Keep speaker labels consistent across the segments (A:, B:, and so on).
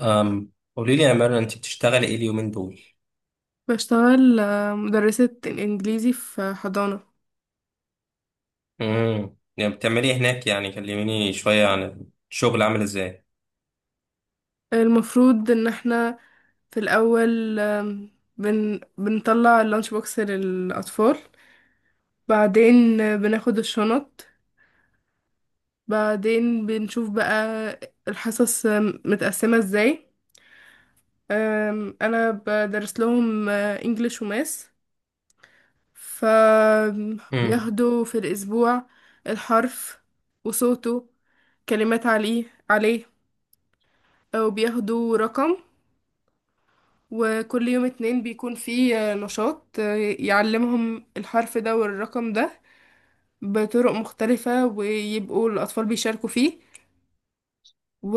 A: قولي لي يا مرة، انت بتشتغلي ايه اليومين دول؟
B: بشتغل مدرسة الإنجليزي في حضانة.
A: يعني بتعملي ايه هناك؟ يعني كلميني شوية عن الشغل عامل ازاي.
B: المفروض إن احنا في الأول، آم، بن بنطلع اللانش بوكس للأطفال. بعدين بناخد الشنط. بعدين بنشوف بقى الحصص متقسمة ازاي. أنا بدرس لهم انجليش وماس،
A: امم.
B: فبياخدوا في الأسبوع الحرف وصوته، كلمات عليه، وبياخدوا رقم. وكل يوم اتنين بيكون فيه نشاط يعلمهم الحرف ده والرقم ده بطرق مختلفة، ويبقوا الأطفال بيشاركوا فيه. و...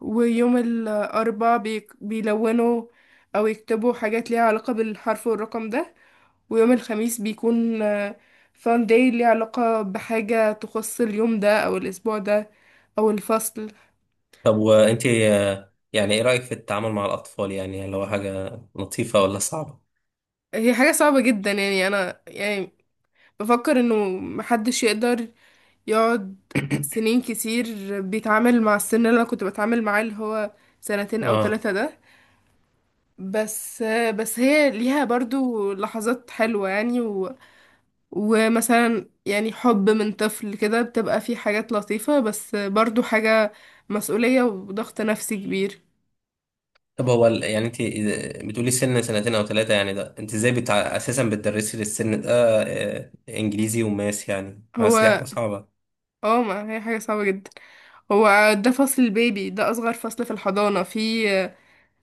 B: ويوم الأربعاء بيلونوا أو يكتبوا حاجات ليها علاقة بالحرف والرقم ده. ويوم الخميس بيكون فان داي ليها علاقة بحاجة تخص اليوم ده أو الأسبوع ده أو الفصل.
A: طب وانت، يعني ايه رأيك في التعامل مع الأطفال؟ يعني هل هو حاجة لطيفة ولا صعبة؟
B: هي حاجة صعبة جدا، يعني أنا يعني بفكر انه محدش يقدر يقعد سنين كتير بيتعامل مع السن اللي انا كنت بتعامل معاه، اللي هو سنتين او
A: اه.
B: ثلاثة ده. بس بس هي ليها برضو لحظات حلوة يعني. ومثلا يعني حب من طفل كده، بتبقى فيه حاجات لطيفة، بس برضو حاجة مسؤولية وضغط نفسي كبير.
A: طب هو يعني انت، بتقولي سن سنتين او ثلاثة، يعني ده انت ازاي اساسا بتدرسي للسن ده انجليزي وماس؟ يعني ماس دي
B: هو
A: حاجة صعبة.
B: اه، ما هي حاجة صعبة جدا. هو ده فصل البيبي، ده أصغر فصل في الحضانة. في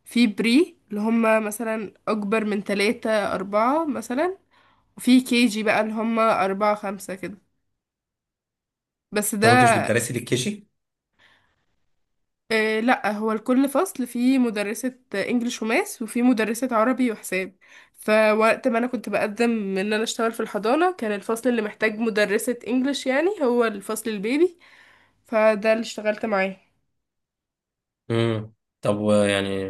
B: في بري اللي هم مثلا أكبر من تلاتة أربعة مثلا، وفي كيجي بقى اللي هم أربعة خمسة كده. بس
A: طب وانت مش
B: ده.
A: بتدرسي للكيجي؟
B: لأ، هو لكل فصل في مدرسة إنجليش وماس وفي مدرسة عربي وحساب. فوقت ما أنا كنت بقدم إن أنا أشتغل في الحضانة، كان الفصل اللي محتاج مدرسة إنجليش يعني هو الفصل البيبي، فده اللي اشتغلت معاه.
A: امم. طب ويعني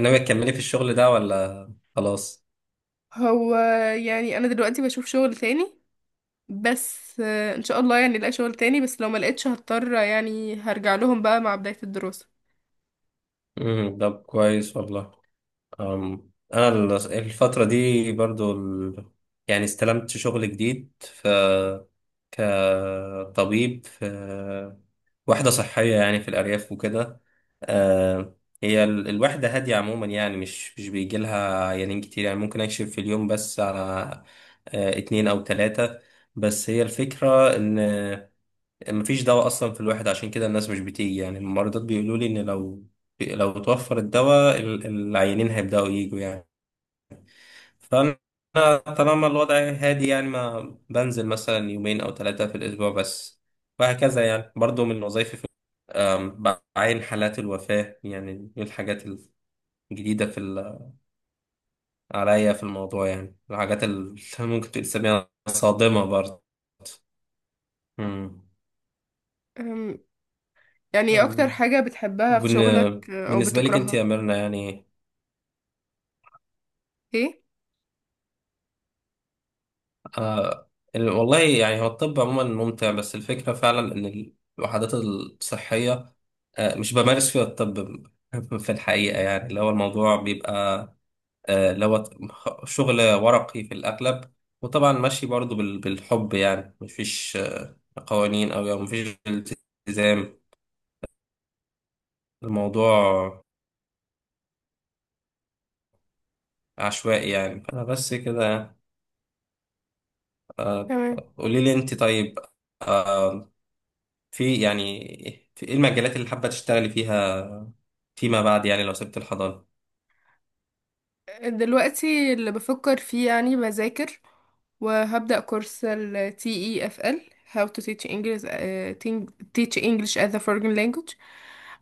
A: ناوي تكملي في الشغل ده ولا خلاص؟
B: هو يعني أنا دلوقتي بشوف شغل تاني، بس ان شاء الله يعني الاقي شغل تاني. بس لو ما لقيتش، هضطر يعني هرجع لهم بقى مع بداية الدراسة.
A: امم، ده كويس والله. انا الفترة دي برضو يعني استلمت شغل جديد، ف كطبيب في وحدة صحية، يعني في الأرياف وكده. أه، هي الوحدة هادية عموما، يعني مش بيجي لها عيانين كتير. يعني ممكن أكشف في اليوم بس على اتنين أو تلاتة. بس هي الفكرة إن مفيش دواء اصلا في الواحد، عشان كده الناس مش بتيجي. يعني الممرضات بيقولوا لي ان لو، توفر الدواء العيانين هيبداوا يجوا يعني. فانا طالما الوضع هادي، يعني ما بنزل مثلا يومين او ثلاثة في الاسبوع بس. وهكذا يعني برضو من وظائفي في أم، بعين حالات الوفاة. يعني دي الحاجات الجديدة في عليا في الموضوع، يعني الحاجات اللي ممكن تسميها صادمة برضه. أمم.
B: أم، يعني ايه اكتر
A: أم،
B: حاجة بتحبها في شغلك او
A: بالنسبة لك انت يا
B: بتكرهها؟
A: ميرنا يعني.
B: ايه.
A: آه والله يعني، هو الطب عموما ممتع، بس الفكرة فعلا إن الوحدات الصحية مش بمارس فيها الطب في الحقيقة، يعني اللي هو الموضوع بيبقى اللي هو شغل ورقي في الأغلب. وطبعا ماشي برضو بالحب، يعني مفيش قوانين، أو يعني مفيش التزام. الموضوع عشوائي، يعني أنا بس كده. آه
B: تمام.
A: قولي لي أنت طيب، آه، في يعني في ايه المجالات اللي حابة تشتغلي فيها فيما بعد؟ يعني لو سبت الحضانة.
B: دلوقتي اللي بفكر فيه يعني بذاكر وهبدأ كورس ال TEFL، How to teach English، teach English as a foreign language.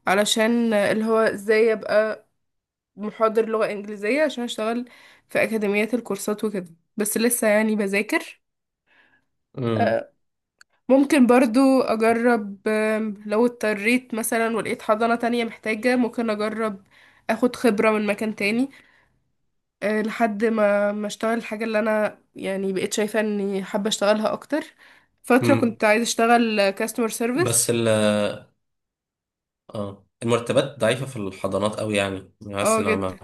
B: علشان اللي هو ازاي ابقى محاضر لغة انجليزية عشان اشتغل في اكاديميات الكورسات وكده. بس لسه يعني بذاكر.
A: امم.
B: آه، ممكن برضو أجرب، لو اضطريت مثلا ولقيت حضانة تانية محتاجة ممكن أجرب أخد خبرة من مكان تاني، لحد ما أشتغل الحاجة اللي أنا يعني بقيت شايفة إني حابة أشتغلها أكتر. فترة
A: امم.
B: كنت عايزة أشتغل كاستمر سيرفيس.
A: بس اه المرتبات ضعيفة في الحضانات قوي، يعني حاسس
B: اه،
A: انها
B: جدا.
A: ما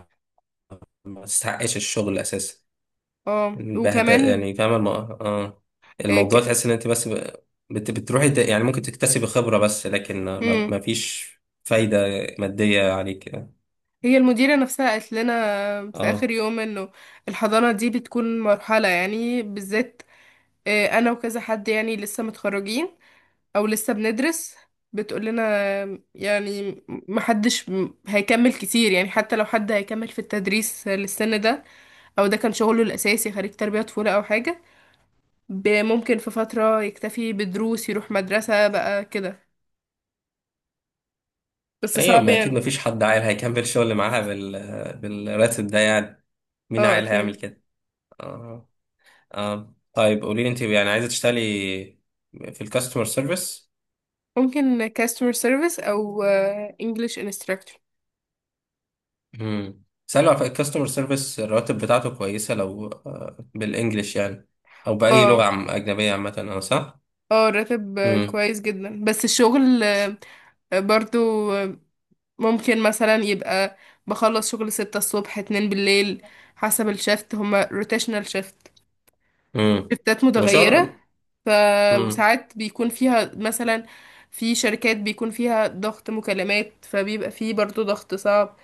A: ما تستحقش الشغل اساسا.
B: اه،
A: بهدى
B: وكمان
A: يعني، فاهمة
B: آه،
A: الموضوع،
B: ك...
A: تحس ان انت بس بتروحي يعني ممكن تكتسبي خبرة، بس لكن
B: مم.
A: ما فيش فايدة مادية عليك يعني.
B: هي المديرة نفسها قالت لنا في آخر
A: اه،
B: يوم إنه الحضانة دي بتكون مرحلة، يعني بالذات أنا وكذا حد يعني لسه متخرجين او لسه بندرس. بتقول لنا يعني محدش هيكمل كتير، يعني حتى لو حد هيكمل في التدريس للسن ده او ده كان شغله الاساسي خريج تربية طفولة او حاجة، ممكن في فترة يكتفي بدروس يروح مدرسة بقى كده. بس
A: ايوه
B: صعب
A: ما، اكيد
B: يعني.
A: ما فيش حد عاقل هيكمل شغل معاها بالراتب ده يعني. مين
B: اه
A: عاقل هيعمل
B: اكيد.
A: كده؟ آه. آه. طيب قولي لي انت، يعني عايزه تشتغلي في الكاستمر سيرفيس؟
B: ممكن customer service او English instructor.
A: امم. سألوا على الكاستمر سيرفيس، الرواتب بتاعته كويسه لو بالانجلش يعني، او باي
B: اه.
A: لغه اجنبيه عامه، انا صح؟
B: اه، راتب
A: امم.
B: كويس جدا، بس الشغل برضو ممكن مثلا يبقى بخلص شغل 6 الصبح 2 بالليل حسب الشفت. هما روتيشنال شفت،
A: امم،
B: شفتات متغيرة.
A: وشغل.
B: ف
A: امم.
B: وساعات بيكون فيها مثلا في شركات بيكون فيها ضغط مكالمات فبيبقى فيه برضو ضغط صعب.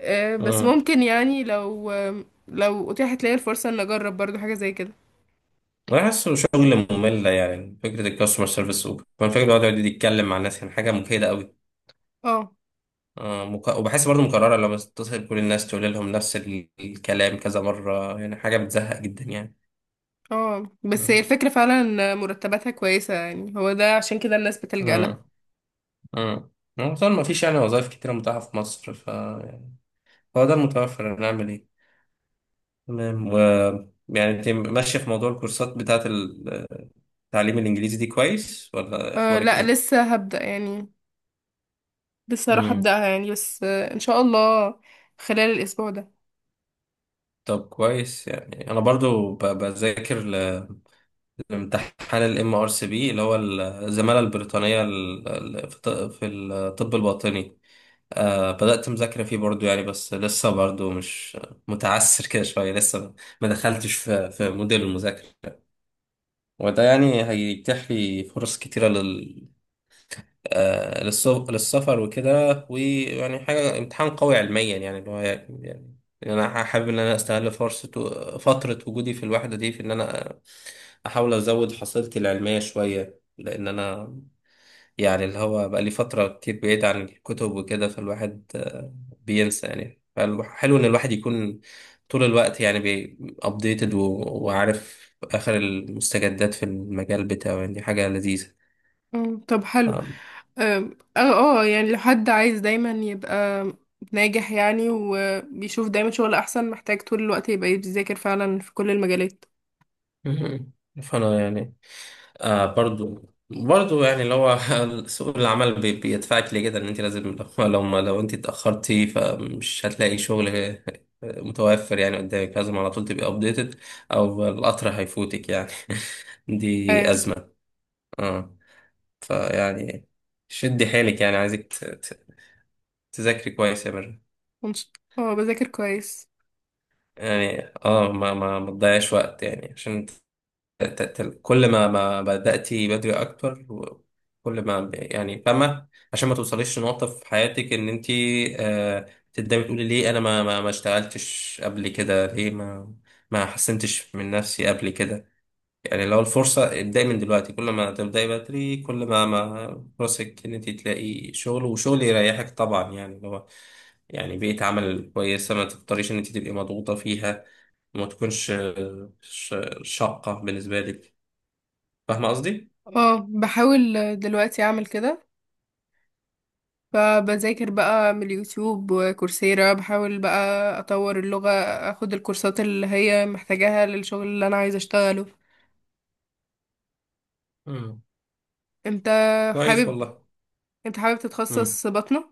B: بس
A: امم،
B: ممكن يعني لو لو اتيحت لي الفرصة ان اجرب برضو حاجة زي كده.
A: بحسه شغل ممل، يعني فكره الكاستمر سيرفيس. وكمان فكره الواحد يقعد يتكلم مع الناس، يعني حاجه مجهده قوي.
B: اه.
A: وبحس برضه مكرره، لما تتصل كل الناس تقول لهم نفس الكلام كذا مره، يعني حاجه بتزهق جدا
B: اه، بس هي
A: يعني.
B: الفكرة فعلا ان مرتباتها كويسة، يعني هو ده عشان كده الناس بتلجأ لها.
A: امم. امم. طبعا ما فيش يعني وظائف كتيرة متاحة في مصر، ف يعني هو ده المتوفر، هنعمل ايه؟ تمام. و يعني انت ماشية في موضوع الكورسات بتاعة التعليم الإنجليزي دي، كويس ولا
B: أه،
A: أخبارك
B: لا
A: ايه؟
B: لسه هبدأ يعني. لسه هروح
A: امم.
B: ابدأها يعني، بس ان شاء الله خلال الاسبوع ده.
A: طب كويس. يعني أنا برضو بذاكر لامتحان ال MRCB، اللي هو الزمالة البريطانية في في الطب الباطني. بدأت مذاكرة فيه برضو يعني، بس لسه برضو مش متعسر كده شوية لسه، ما دخلتش في موديل المذاكرة. وده يعني هيتيح لي فرص كتيرة لل للسفر وكده. ويعني حاجة امتحان قوي علميا، يعني اللي هو يعني. يعني أنا حابب إن أنا أستغل فرصة فترة وجودي في الوحدة دي في إن أنا أحاول أزود حصيلتي العلمية شوية، لأن أنا يعني اللي هو بقى لي فترة كتير بعيد عن الكتب وكده. فالواحد بينسى يعني. فحلو إن الواحد يكون طول الوقت يعني أبديتد، وعارف آخر المستجدات في المجال بتاعه، يعني دي حاجة لذيذة.
B: طب حلو.
A: آم،
B: اه. اه، يعني لو حد عايز دايما يبقى ناجح يعني، وبيشوف دايما شغل احسن، محتاج طول الوقت يبقى بيذاكر فعلا في كل المجالات.
A: مهم. فأنا يعني برضو، يعني اللي هو سوق العمل بيدفعك لكده، ان انت لازم. لو لو انت اتاخرتي، فمش هتلاقي شغل متوفر يعني قدامك. لازم على طول تبقي ابديتد، او القطر هيفوتك يعني دي
B: اه.
A: ازمه. اه. فيعني شدي حيلك يعني، عايزك تذاكري كويس يا مرة.
B: ونش- اه، بذاكر كويس.
A: يعني اه، ما تضيعش وقت، يعني عشان كل ما بدأتي بدري أكتر، كل ما يعني فاهمة، عشان ما توصليش لنقطة في حياتك إن أنت آه تبدأي تقولي ليه أنا ما اشتغلتش قبل كده، ليه ما حسنتش من نفسي قبل كده. يعني لو الفرصة، ابدأي من دلوقتي. كل ما تبدأي بدري كل ما ما فرصك إن أنت تلاقي شغل، وشغل يريحك طبعا يعني اللي هو يعني بيئة عمل كويسة، ما تضطريش إن أنت تبقي مضغوطة فيها، ما تكونش شاقة بالنسبة لك. فاهمة قصدي؟
B: اه، بحاول دلوقتي اعمل كده. فبذاكر بقى من اليوتيوب وكورسيرا، بحاول بقى اطور اللغة، اخد الكورسات اللي هي محتاجاها للشغل اللي انا عايزة اشتغله.
A: امم،
B: انت
A: كويس
B: حابب
A: والله.
B: انت حابب
A: امم.
B: تتخصص بطنة؟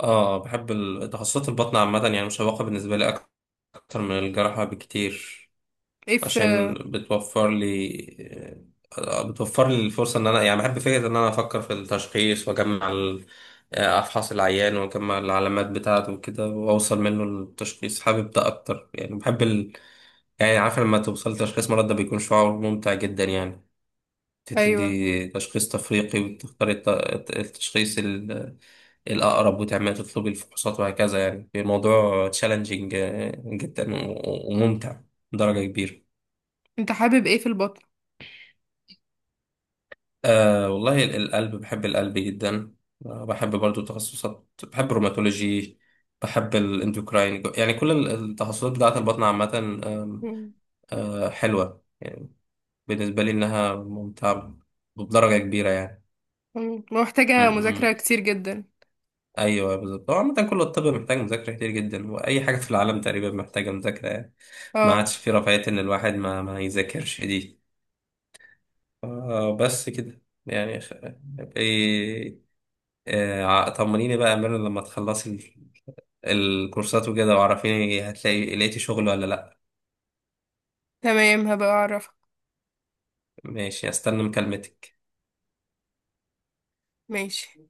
A: اه، بحب تخصصات البطن عامة، يعني مشوقة بالنسبة لي أكتر من الجراحة بكتير.
B: ايه
A: عشان
B: في.
A: بتوفر لي الفرصة، إن أنا يعني بحب فكرة إن أنا أفكر في التشخيص وأجمع أفحص العيان وأجمع العلامات بتاعته وكده وأوصل منه للتشخيص. حابب ده أكتر، يعني بحب يعني عارف، لما توصل لتشخيص مرض ده بيكون شعور ممتع جدا يعني.
B: ايوه.
A: تدي تشخيص تفريقي وتختاري التشخيص الأقرب، وتعملي تطلبي الفحوصات وهكذا. يعني الموضوع تشالنجينج جدا وممتع بدرجة كبيرة.
B: انت حابب ايه في البطن؟
A: والله القلب، بحب القلب جدا. بحب برضو تخصصات، بحب الروماتولوجي، بحب الاندوكراين، يعني كل التخصصات بتاعة البطن عامة. آم،
B: مم.
A: حلوة يعني بالنسبة لي، إنها ممتعة بدرجة كبيرة يعني.
B: مم.
A: م-
B: محتاجة مذاكرة
A: م.
B: كتير جدا.
A: ايوه بالظبط، هو عامة كل الطب محتاج مذاكرة كتير جدا، واي حاجة في العالم تقريبا محتاجة مذاكرة يعني. ما
B: اه.
A: عادش في رفاهية ان الواحد ما ما يذاكرش دي. بس كده يعني إيه... طمنيني بقى يا مرن، لما تخلصي الكورسات وكده، وعرفيني هتلاقي، لقيتي شغل ولا لا.
B: تمام، هبقى اعرفك.
A: ماشي، استنى مكالمتك.
B: ماشي.